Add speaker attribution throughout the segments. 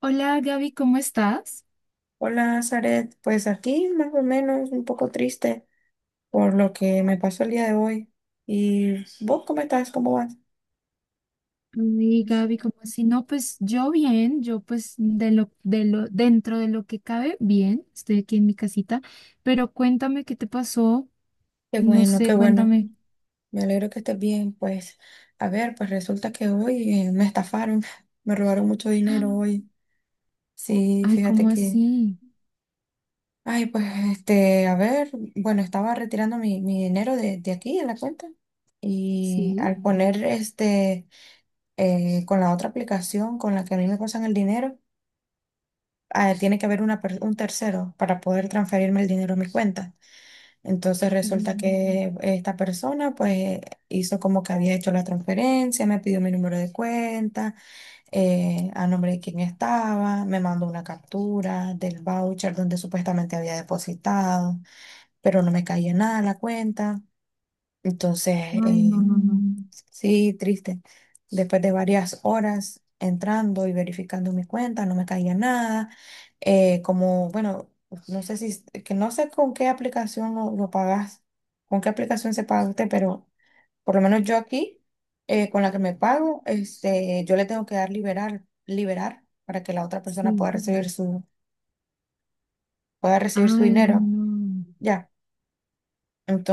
Speaker 1: Hola Gaby, ¿cómo estás?
Speaker 2: Hola, Zaret. Pues aquí más o menos un poco triste por lo que me pasó el día de hoy. ¿Y vos cómo estás? ¿Cómo vas?
Speaker 1: Y Gaby, ¿cómo así? No, pues yo bien, yo pues de lo, dentro de lo que cabe, bien, estoy aquí en mi casita, pero cuéntame qué te pasó,
Speaker 2: Qué
Speaker 1: no
Speaker 2: bueno,
Speaker 1: sé,
Speaker 2: qué bueno.
Speaker 1: cuéntame.
Speaker 2: Me alegro que estés bien. Pues, a ver, pues resulta que hoy me estafaron, me robaron mucho dinero hoy. Sí,
Speaker 1: Ay,
Speaker 2: fíjate
Speaker 1: ¿cómo
Speaker 2: que,
Speaker 1: así?
Speaker 2: ay, pues, este, a ver, bueno, estaba retirando mi dinero de aquí en la cuenta y
Speaker 1: ¿Sí?
Speaker 2: al poner este, con la otra aplicación con la que a mí me pasan el dinero. Ah, tiene que haber un tercero para poder transferirme el dinero a mi cuenta. Entonces resulta
Speaker 1: Mm.
Speaker 2: que esta persona pues hizo como que había hecho la transferencia, me pidió mi número de cuenta, a nombre de quién estaba, me mandó una captura del voucher donde supuestamente había depositado, pero no me caía nada a la cuenta. Entonces,
Speaker 1: Ay, no,
Speaker 2: eh,
Speaker 1: no, no,
Speaker 2: sí, triste. Después de varias horas entrando y verificando mi cuenta, no me caía nada. Como, bueno, no sé si, que no sé con qué aplicación lo pagas, con qué aplicación se paga usted, pero por lo menos yo aquí, con la que me pago, este, yo le tengo que dar liberar, liberar para que la otra persona
Speaker 1: sí.
Speaker 2: pueda recibir su
Speaker 1: Ay,
Speaker 2: dinero.
Speaker 1: no.
Speaker 2: Ya.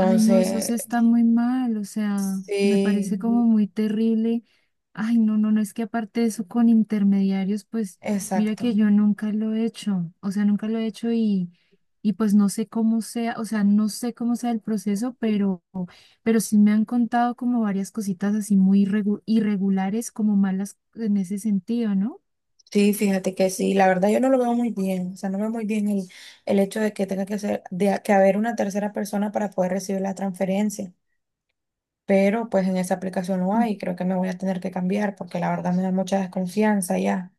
Speaker 1: Ay, no, eso sí está muy mal, o sea, me
Speaker 2: sí,
Speaker 1: parece como muy terrible. Ay, no, no, no, es que aparte de eso con intermediarios, pues mira
Speaker 2: exacto.
Speaker 1: que yo nunca lo he hecho, o sea, nunca lo he hecho y pues no sé cómo sea, o sea, no sé cómo sea el proceso, pero sí me han contado como varias cositas así muy irregulares, como malas en ese sentido, ¿no?
Speaker 2: Sí, fíjate que sí, la verdad yo no lo veo muy bien, o sea, no veo muy bien el hecho de que tenga que ser, que haber una tercera persona para poder recibir la transferencia, pero pues en esa aplicación no hay, creo que me voy a tener que cambiar porque la verdad me da mucha desconfianza ya.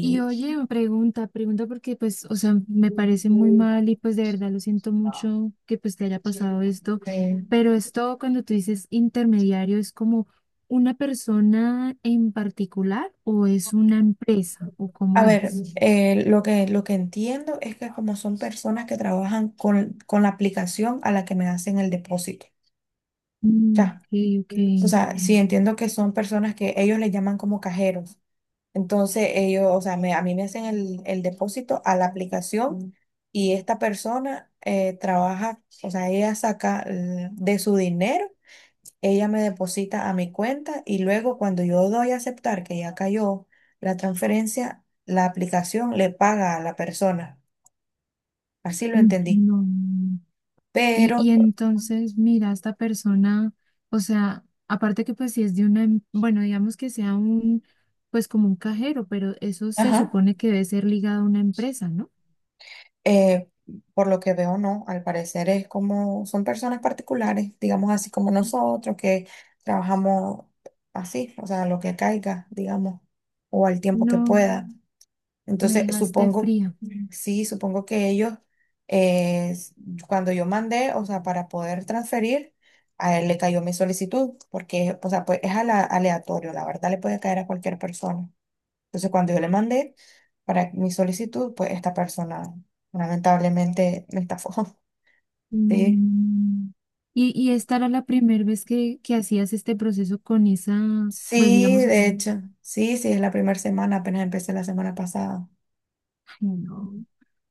Speaker 1: Y oye, pregunta porque pues, o sea, me parece muy mal y pues de verdad lo siento mucho que pues te haya pasado esto,
Speaker 2: eh,
Speaker 1: pero esto cuando tú dices intermediario es como una persona en particular o es una empresa o
Speaker 2: a
Speaker 1: cómo
Speaker 2: ver,
Speaker 1: es.
Speaker 2: lo que entiendo es que como son personas que trabajan con la aplicación a la que me hacen el depósito,
Speaker 1: Mm,
Speaker 2: ya.
Speaker 1: ok, ok.
Speaker 2: O sea, sí entiendo que son personas que ellos le llaman como cajeros. Entonces ellos, o sea, a mí me hacen el depósito a la aplicación. Mm. Y esta persona trabaja, o sea, ella saca de su dinero, ella me deposita a mi cuenta y luego cuando yo doy a aceptar que ya cayó la transferencia, la aplicación le paga a la persona. Así lo
Speaker 1: Mm.
Speaker 2: entendí.
Speaker 1: No. Y,
Speaker 2: Pero
Speaker 1: y entonces, mira, esta persona, o sea, aparte que pues si es de una, bueno, digamos que sea un, pues como un cajero, pero eso se
Speaker 2: ajá.
Speaker 1: supone que debe ser ligado a una empresa, ¿no?
Speaker 2: Eh, por lo que veo, no, al parecer es como son personas particulares, digamos así como nosotros, que trabajamos así, o sea, lo que caiga, digamos, o al tiempo que
Speaker 1: No,
Speaker 2: pueda.
Speaker 1: me
Speaker 2: Entonces,
Speaker 1: dejaste
Speaker 2: supongo,
Speaker 1: fría.
Speaker 2: sí, supongo que ellos, eh, s- cuando yo mandé, o sea, para poder transferir, a él le cayó mi solicitud, porque, o sea, pues es aleatorio, la verdad le puede caer a cualquier persona. Entonces, cuando yo le mandé para mi solicitud, pues esta persona lamentablemente me estafó. Sí,
Speaker 1: Mm. Y esta era la primera vez que hacías este proceso con esa, pues
Speaker 2: sí,
Speaker 1: digamos
Speaker 2: de
Speaker 1: así.
Speaker 2: hecho, sí, sí, es la primera semana, apenas empecé la semana pasada.
Speaker 1: Ay, no.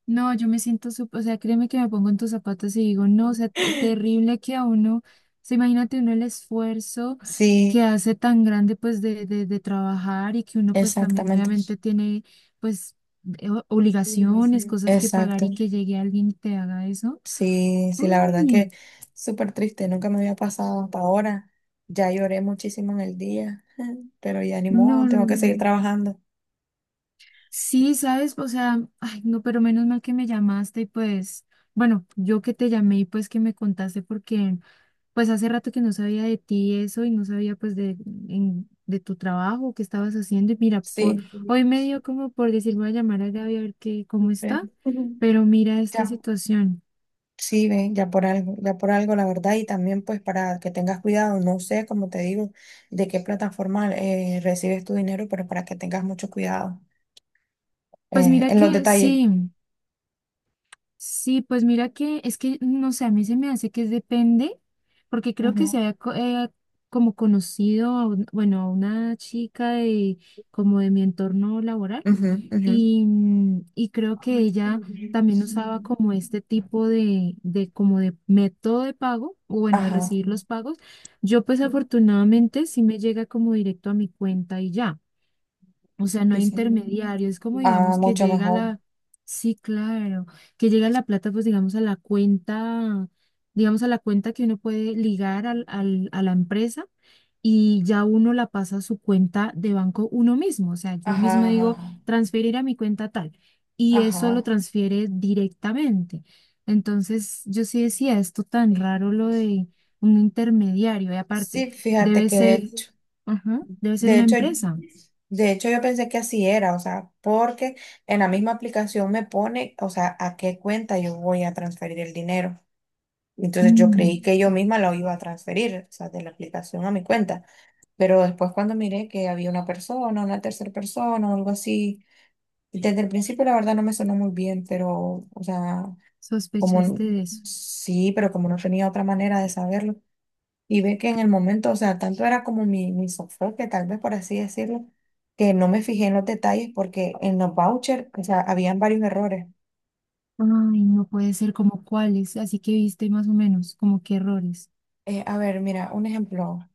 Speaker 1: No, yo me siento, o sea, créeme que me pongo en tus zapatos y digo, no, o sea, terrible que a uno, o sea, imagínate uno el esfuerzo
Speaker 2: Sí,
Speaker 1: que hace tan grande pues de trabajar y que uno pues también
Speaker 2: exactamente,
Speaker 1: obviamente tiene pues obligaciones, cosas que pagar
Speaker 2: exacto.
Speaker 1: y que llegue alguien y te haga eso.
Speaker 2: Sí, sí, la verdad
Speaker 1: Uy,
Speaker 2: que súper triste, nunca me había pasado hasta ahora. Ya lloré muchísimo en el día, pero ya ni modo,
Speaker 1: no, no,
Speaker 2: tengo que seguir
Speaker 1: no.
Speaker 2: trabajando.
Speaker 1: Sí, sabes, o sea, ay, no, pero menos mal que me llamaste y pues, bueno, yo que te llamé y pues que me contaste porque... Pues hace rato que no sabía de ti eso y no sabía pues de tu trabajo, qué estabas haciendo. Y mira, por
Speaker 2: Sí.
Speaker 1: hoy me dio como por decir, voy a llamar a Gaby a ver qué, cómo
Speaker 2: Ve.
Speaker 1: está, pero mira esta situación.
Speaker 2: Sí, ven ya por algo, la verdad, y también pues para que tengas cuidado, no sé, como te digo, de qué plataforma recibes tu dinero, pero para que tengas mucho cuidado
Speaker 1: Pues mira
Speaker 2: en los
Speaker 1: que
Speaker 2: detalles.
Speaker 1: sí, sí, pues mira que es que, no sé, a mí se me hace que es depende, porque creo que se
Speaker 2: Ujú,
Speaker 1: había como conocido, a bueno, a una chica de como de mi entorno laboral.
Speaker 2: ujú, ujú.
Speaker 1: Y, y creo que ella también usaba como este tipo como de método de pago, o bueno, de
Speaker 2: Ajá,
Speaker 1: recibir los pagos. Yo pues afortunadamente sí me llega como directo a mi cuenta y ya. O sea, no
Speaker 2: sí,
Speaker 1: hay
Speaker 2: sí.
Speaker 1: intermediario, es como
Speaker 2: Ah,
Speaker 1: digamos que
Speaker 2: mucho
Speaker 1: llega
Speaker 2: mejor.
Speaker 1: la, sí, claro, que llega la plata pues digamos a la cuenta, digamos a la cuenta que uno puede ligar a la empresa y ya uno la pasa a su cuenta de banco uno mismo. O sea, yo mismo
Speaker 2: Ajá,
Speaker 1: digo,
Speaker 2: ajá,
Speaker 1: transferir a mi cuenta tal, y eso lo
Speaker 2: ajá.
Speaker 1: transfiere directamente. Entonces, yo sí decía, esto tan raro lo de un intermediario, y aparte,
Speaker 2: Sí, fíjate
Speaker 1: debe
Speaker 2: que
Speaker 1: ser, ajá, debe ser
Speaker 2: de
Speaker 1: una
Speaker 2: hecho,
Speaker 1: empresa.
Speaker 2: de hecho yo pensé que así era, o sea, porque en la misma aplicación me pone, o sea, a qué cuenta yo voy a transferir el dinero. Entonces yo creí
Speaker 1: Mm,
Speaker 2: que yo misma lo iba a transferir, o sea, de la aplicación a mi cuenta. Pero después cuando miré que había una persona, una tercera persona o algo así, y desde el principio la verdad no me sonó muy bien, pero, o sea, como n-
Speaker 1: sospechaste de eso.
Speaker 2: sí, pero como no tenía otra manera de saberlo. Y ve que en el momento, o sea, tanto era como mi sofoque, tal vez por así decirlo, que no me fijé en los detalles porque en los vouchers, o sea, habían varios errores.
Speaker 1: Ay, no puede ser, como cuáles, así que viste más o menos como qué errores.
Speaker 2: A ver, mira, un ejemplo.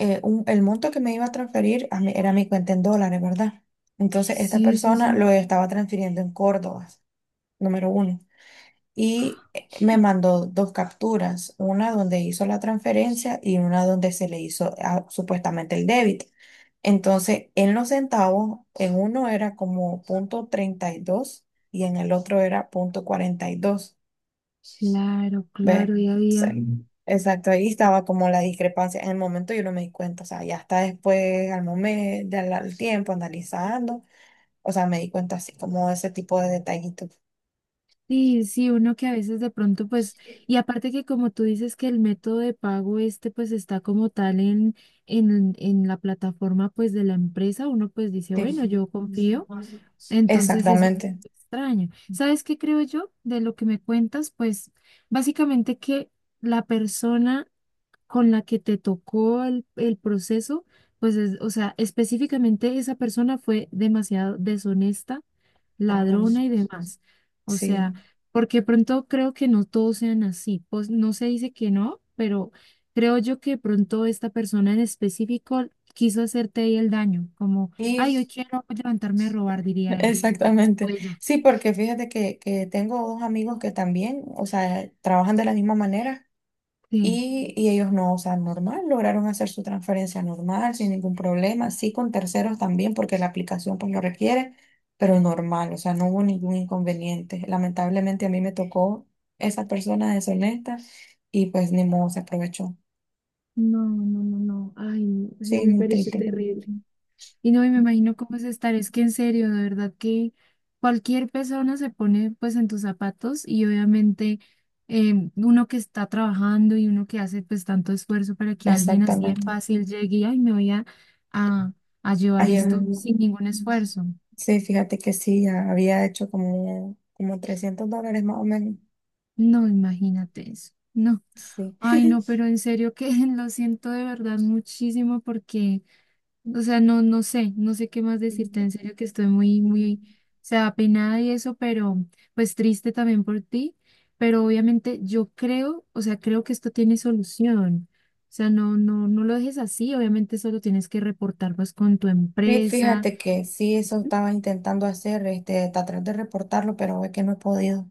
Speaker 2: El monto que me iba a transferir era mi cuenta en dólares, ¿verdad? Entonces, esta
Speaker 1: Sí, sí,
Speaker 2: persona
Speaker 1: sí.
Speaker 2: lo estaba transfiriendo en Córdoba, número uno. Y me mandó dos capturas, una donde hizo la transferencia y una donde se le hizo ah, supuestamente el débito. Entonces, en los centavos, en uno era como punto 32 y en el otro era punto 42.
Speaker 1: Claro,
Speaker 2: ¿Ves?
Speaker 1: claro, ya
Speaker 2: Entonces,
Speaker 1: había.
Speaker 2: exacto, ahí estaba como la discrepancia. En el momento yo no me di cuenta, o sea, ya hasta después, al momento, al tiempo, analizando, o sea, me di cuenta así como ese tipo de detallitos.
Speaker 1: Sí, sí, uno que a veces de pronto, pues, y aparte que como tú dices que el método de pago este, pues, está como tal en la plataforma, pues, de la empresa, uno pues dice, bueno, yo confío, entonces es un poco
Speaker 2: Exactamente,
Speaker 1: extraño. ¿Sabes qué creo yo de lo que me cuentas? Pues, básicamente que la persona con la que te tocó el proceso, pues, o sea, específicamente esa persona fue demasiado deshonesta,
Speaker 2: exactamente,
Speaker 1: ladrona y demás. O sea,
Speaker 2: sí.
Speaker 1: porque pronto creo que no todos sean así. Pues no se dice que no, pero creo yo que pronto esta persona en específico quiso hacerte ahí el daño, como, ay, hoy
Speaker 2: Y
Speaker 1: quiero levantarme a robar, diría él. O
Speaker 2: exactamente.
Speaker 1: ella.
Speaker 2: Sí, porque fíjate que tengo dos amigos que también, o sea, trabajan de la misma manera.
Speaker 1: Sí.
Speaker 2: Y ellos no, o sea, normal, lograron hacer su transferencia normal, sin ningún problema, sí con terceros también, porque la aplicación pues lo requiere, pero normal, o sea, no hubo ningún inconveniente. Lamentablemente a mí me tocó esa persona deshonesta y pues ni modo se aprovechó.
Speaker 1: No, no, no, no. Ay, no, eso
Speaker 2: Sí,
Speaker 1: me
Speaker 2: muy
Speaker 1: parece
Speaker 2: triste. Sí.
Speaker 1: terrible. Y no, y me imagino cómo es estar, es que en serio, de verdad que cualquier persona se pone pues en tus zapatos y obviamente uno que está trabajando y uno que hace pues tanto esfuerzo para que alguien así de
Speaker 2: Exactamente.
Speaker 1: fácil llegue y ay, me voy a, a llevar
Speaker 2: Ayer,
Speaker 1: esto
Speaker 2: mm.
Speaker 1: sin ningún esfuerzo.
Speaker 2: Sí, fíjate que sí, ya había hecho como $300 más o menos.
Speaker 1: No, imagínate eso. No,
Speaker 2: Sí.
Speaker 1: ay, no, pero en serio que lo siento de verdad muchísimo porque o sea, no, no sé, no sé qué más decirte, en serio que estoy muy, muy, o sea, apenada y eso, pero pues triste también por ti, pero obviamente yo creo, o sea, creo que esto tiene solución. O sea, no, no, no lo dejes así, obviamente solo tienes que reportar pues con tu
Speaker 2: Sí,
Speaker 1: empresa.
Speaker 2: fíjate que sí, eso
Speaker 1: Ujú.
Speaker 2: estaba intentando hacer, este, tratar de reportarlo, pero es que no he podido.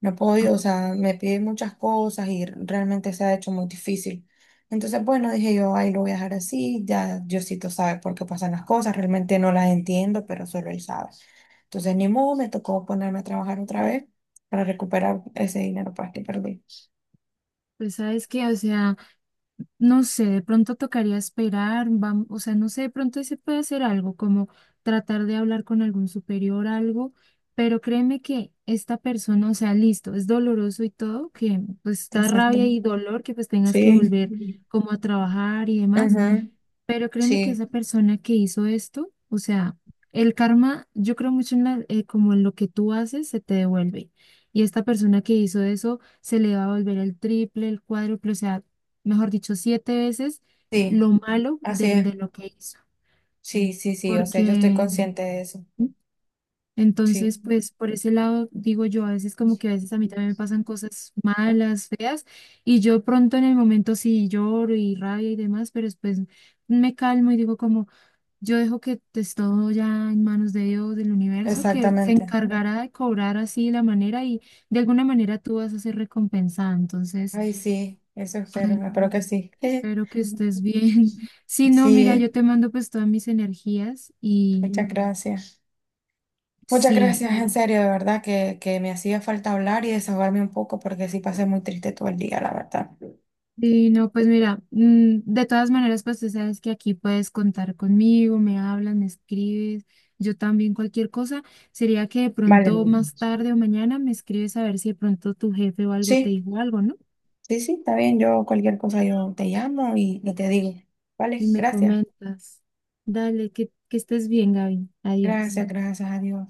Speaker 2: No he
Speaker 1: Ah,
Speaker 2: podido, o sea, me piden muchas cosas y realmente se ha hecho muy difícil. Entonces, bueno, dije yo, ahí lo voy a dejar así, ya Diosito sabe por qué pasan las cosas, realmente no las entiendo, pero solo él sabe. Entonces, ni modo, me tocó ponerme a trabajar otra vez para recuperar ese dinero pues, que perdí.
Speaker 1: pues sabes que, o sea, no sé, de pronto tocaría esperar, o sea, no sé, de pronto se puede hacer algo, como tratar de hablar con algún superior, algo, pero créeme que esta persona, o sea, listo, es doloroso y todo, que pues da
Speaker 2: Exacto.
Speaker 1: rabia y dolor que pues tengas que
Speaker 2: Sí.
Speaker 1: volver como a trabajar y demás,
Speaker 2: Ujú,
Speaker 1: pero créeme que
Speaker 2: sí,
Speaker 1: esa persona que hizo esto, o sea, el karma, yo creo mucho en como en lo que tú haces, se te devuelve. Y esta persona que hizo eso, se le va a volver el triple, el cuádruple, o sea, mejor dicho, 7 veces lo
Speaker 2: sí.
Speaker 1: malo
Speaker 2: Así es.
Speaker 1: de lo que hizo.
Speaker 2: Sí, sí, sí. O sea,
Speaker 1: Porque
Speaker 2: yo estoy consciente de eso. Sí,
Speaker 1: entonces, pues por ese lado, digo yo, a veces como que a veces a mí también me pasan cosas malas, feas, y yo pronto en el momento sí lloro y rabia y demás, pero después me calmo y digo como... Yo dejo que esté todo ya en manos de Dios, del universo, que se
Speaker 2: exactamente.
Speaker 1: encargará de cobrar así la manera y de alguna manera tú vas a ser recompensada. Entonces,
Speaker 2: Ay, sí, eso
Speaker 1: ay,
Speaker 2: espero.
Speaker 1: no,
Speaker 2: Espero que sí.
Speaker 1: espero que estés bien. Sí, no, mira, yo
Speaker 2: Sí,
Speaker 1: te mando pues todas mis energías y
Speaker 2: muchas gracias. Muchas
Speaker 1: sí,
Speaker 2: gracias, en serio, de verdad que me hacía falta hablar y desahogarme un poco porque sí pasé muy triste todo el día, la verdad.
Speaker 1: y no, pues mira, de todas maneras, pues tú sabes que aquí puedes contar conmigo, me hablas, me escribes, yo también cualquier cosa. Sería que de
Speaker 2: Vale,
Speaker 1: pronto
Speaker 2: muy bien.
Speaker 1: más tarde o mañana me escribes a ver si de pronto tu jefe o algo te
Speaker 2: Sí,
Speaker 1: dijo algo, ¿no?
Speaker 2: sí, sí, está bien. Yo cualquier cosa yo te llamo y te digo. Vale,
Speaker 1: Y me
Speaker 2: gracias.
Speaker 1: comentas. Dale, que estés bien, Gaby. Adiós.
Speaker 2: Gracias, gracias, adiós.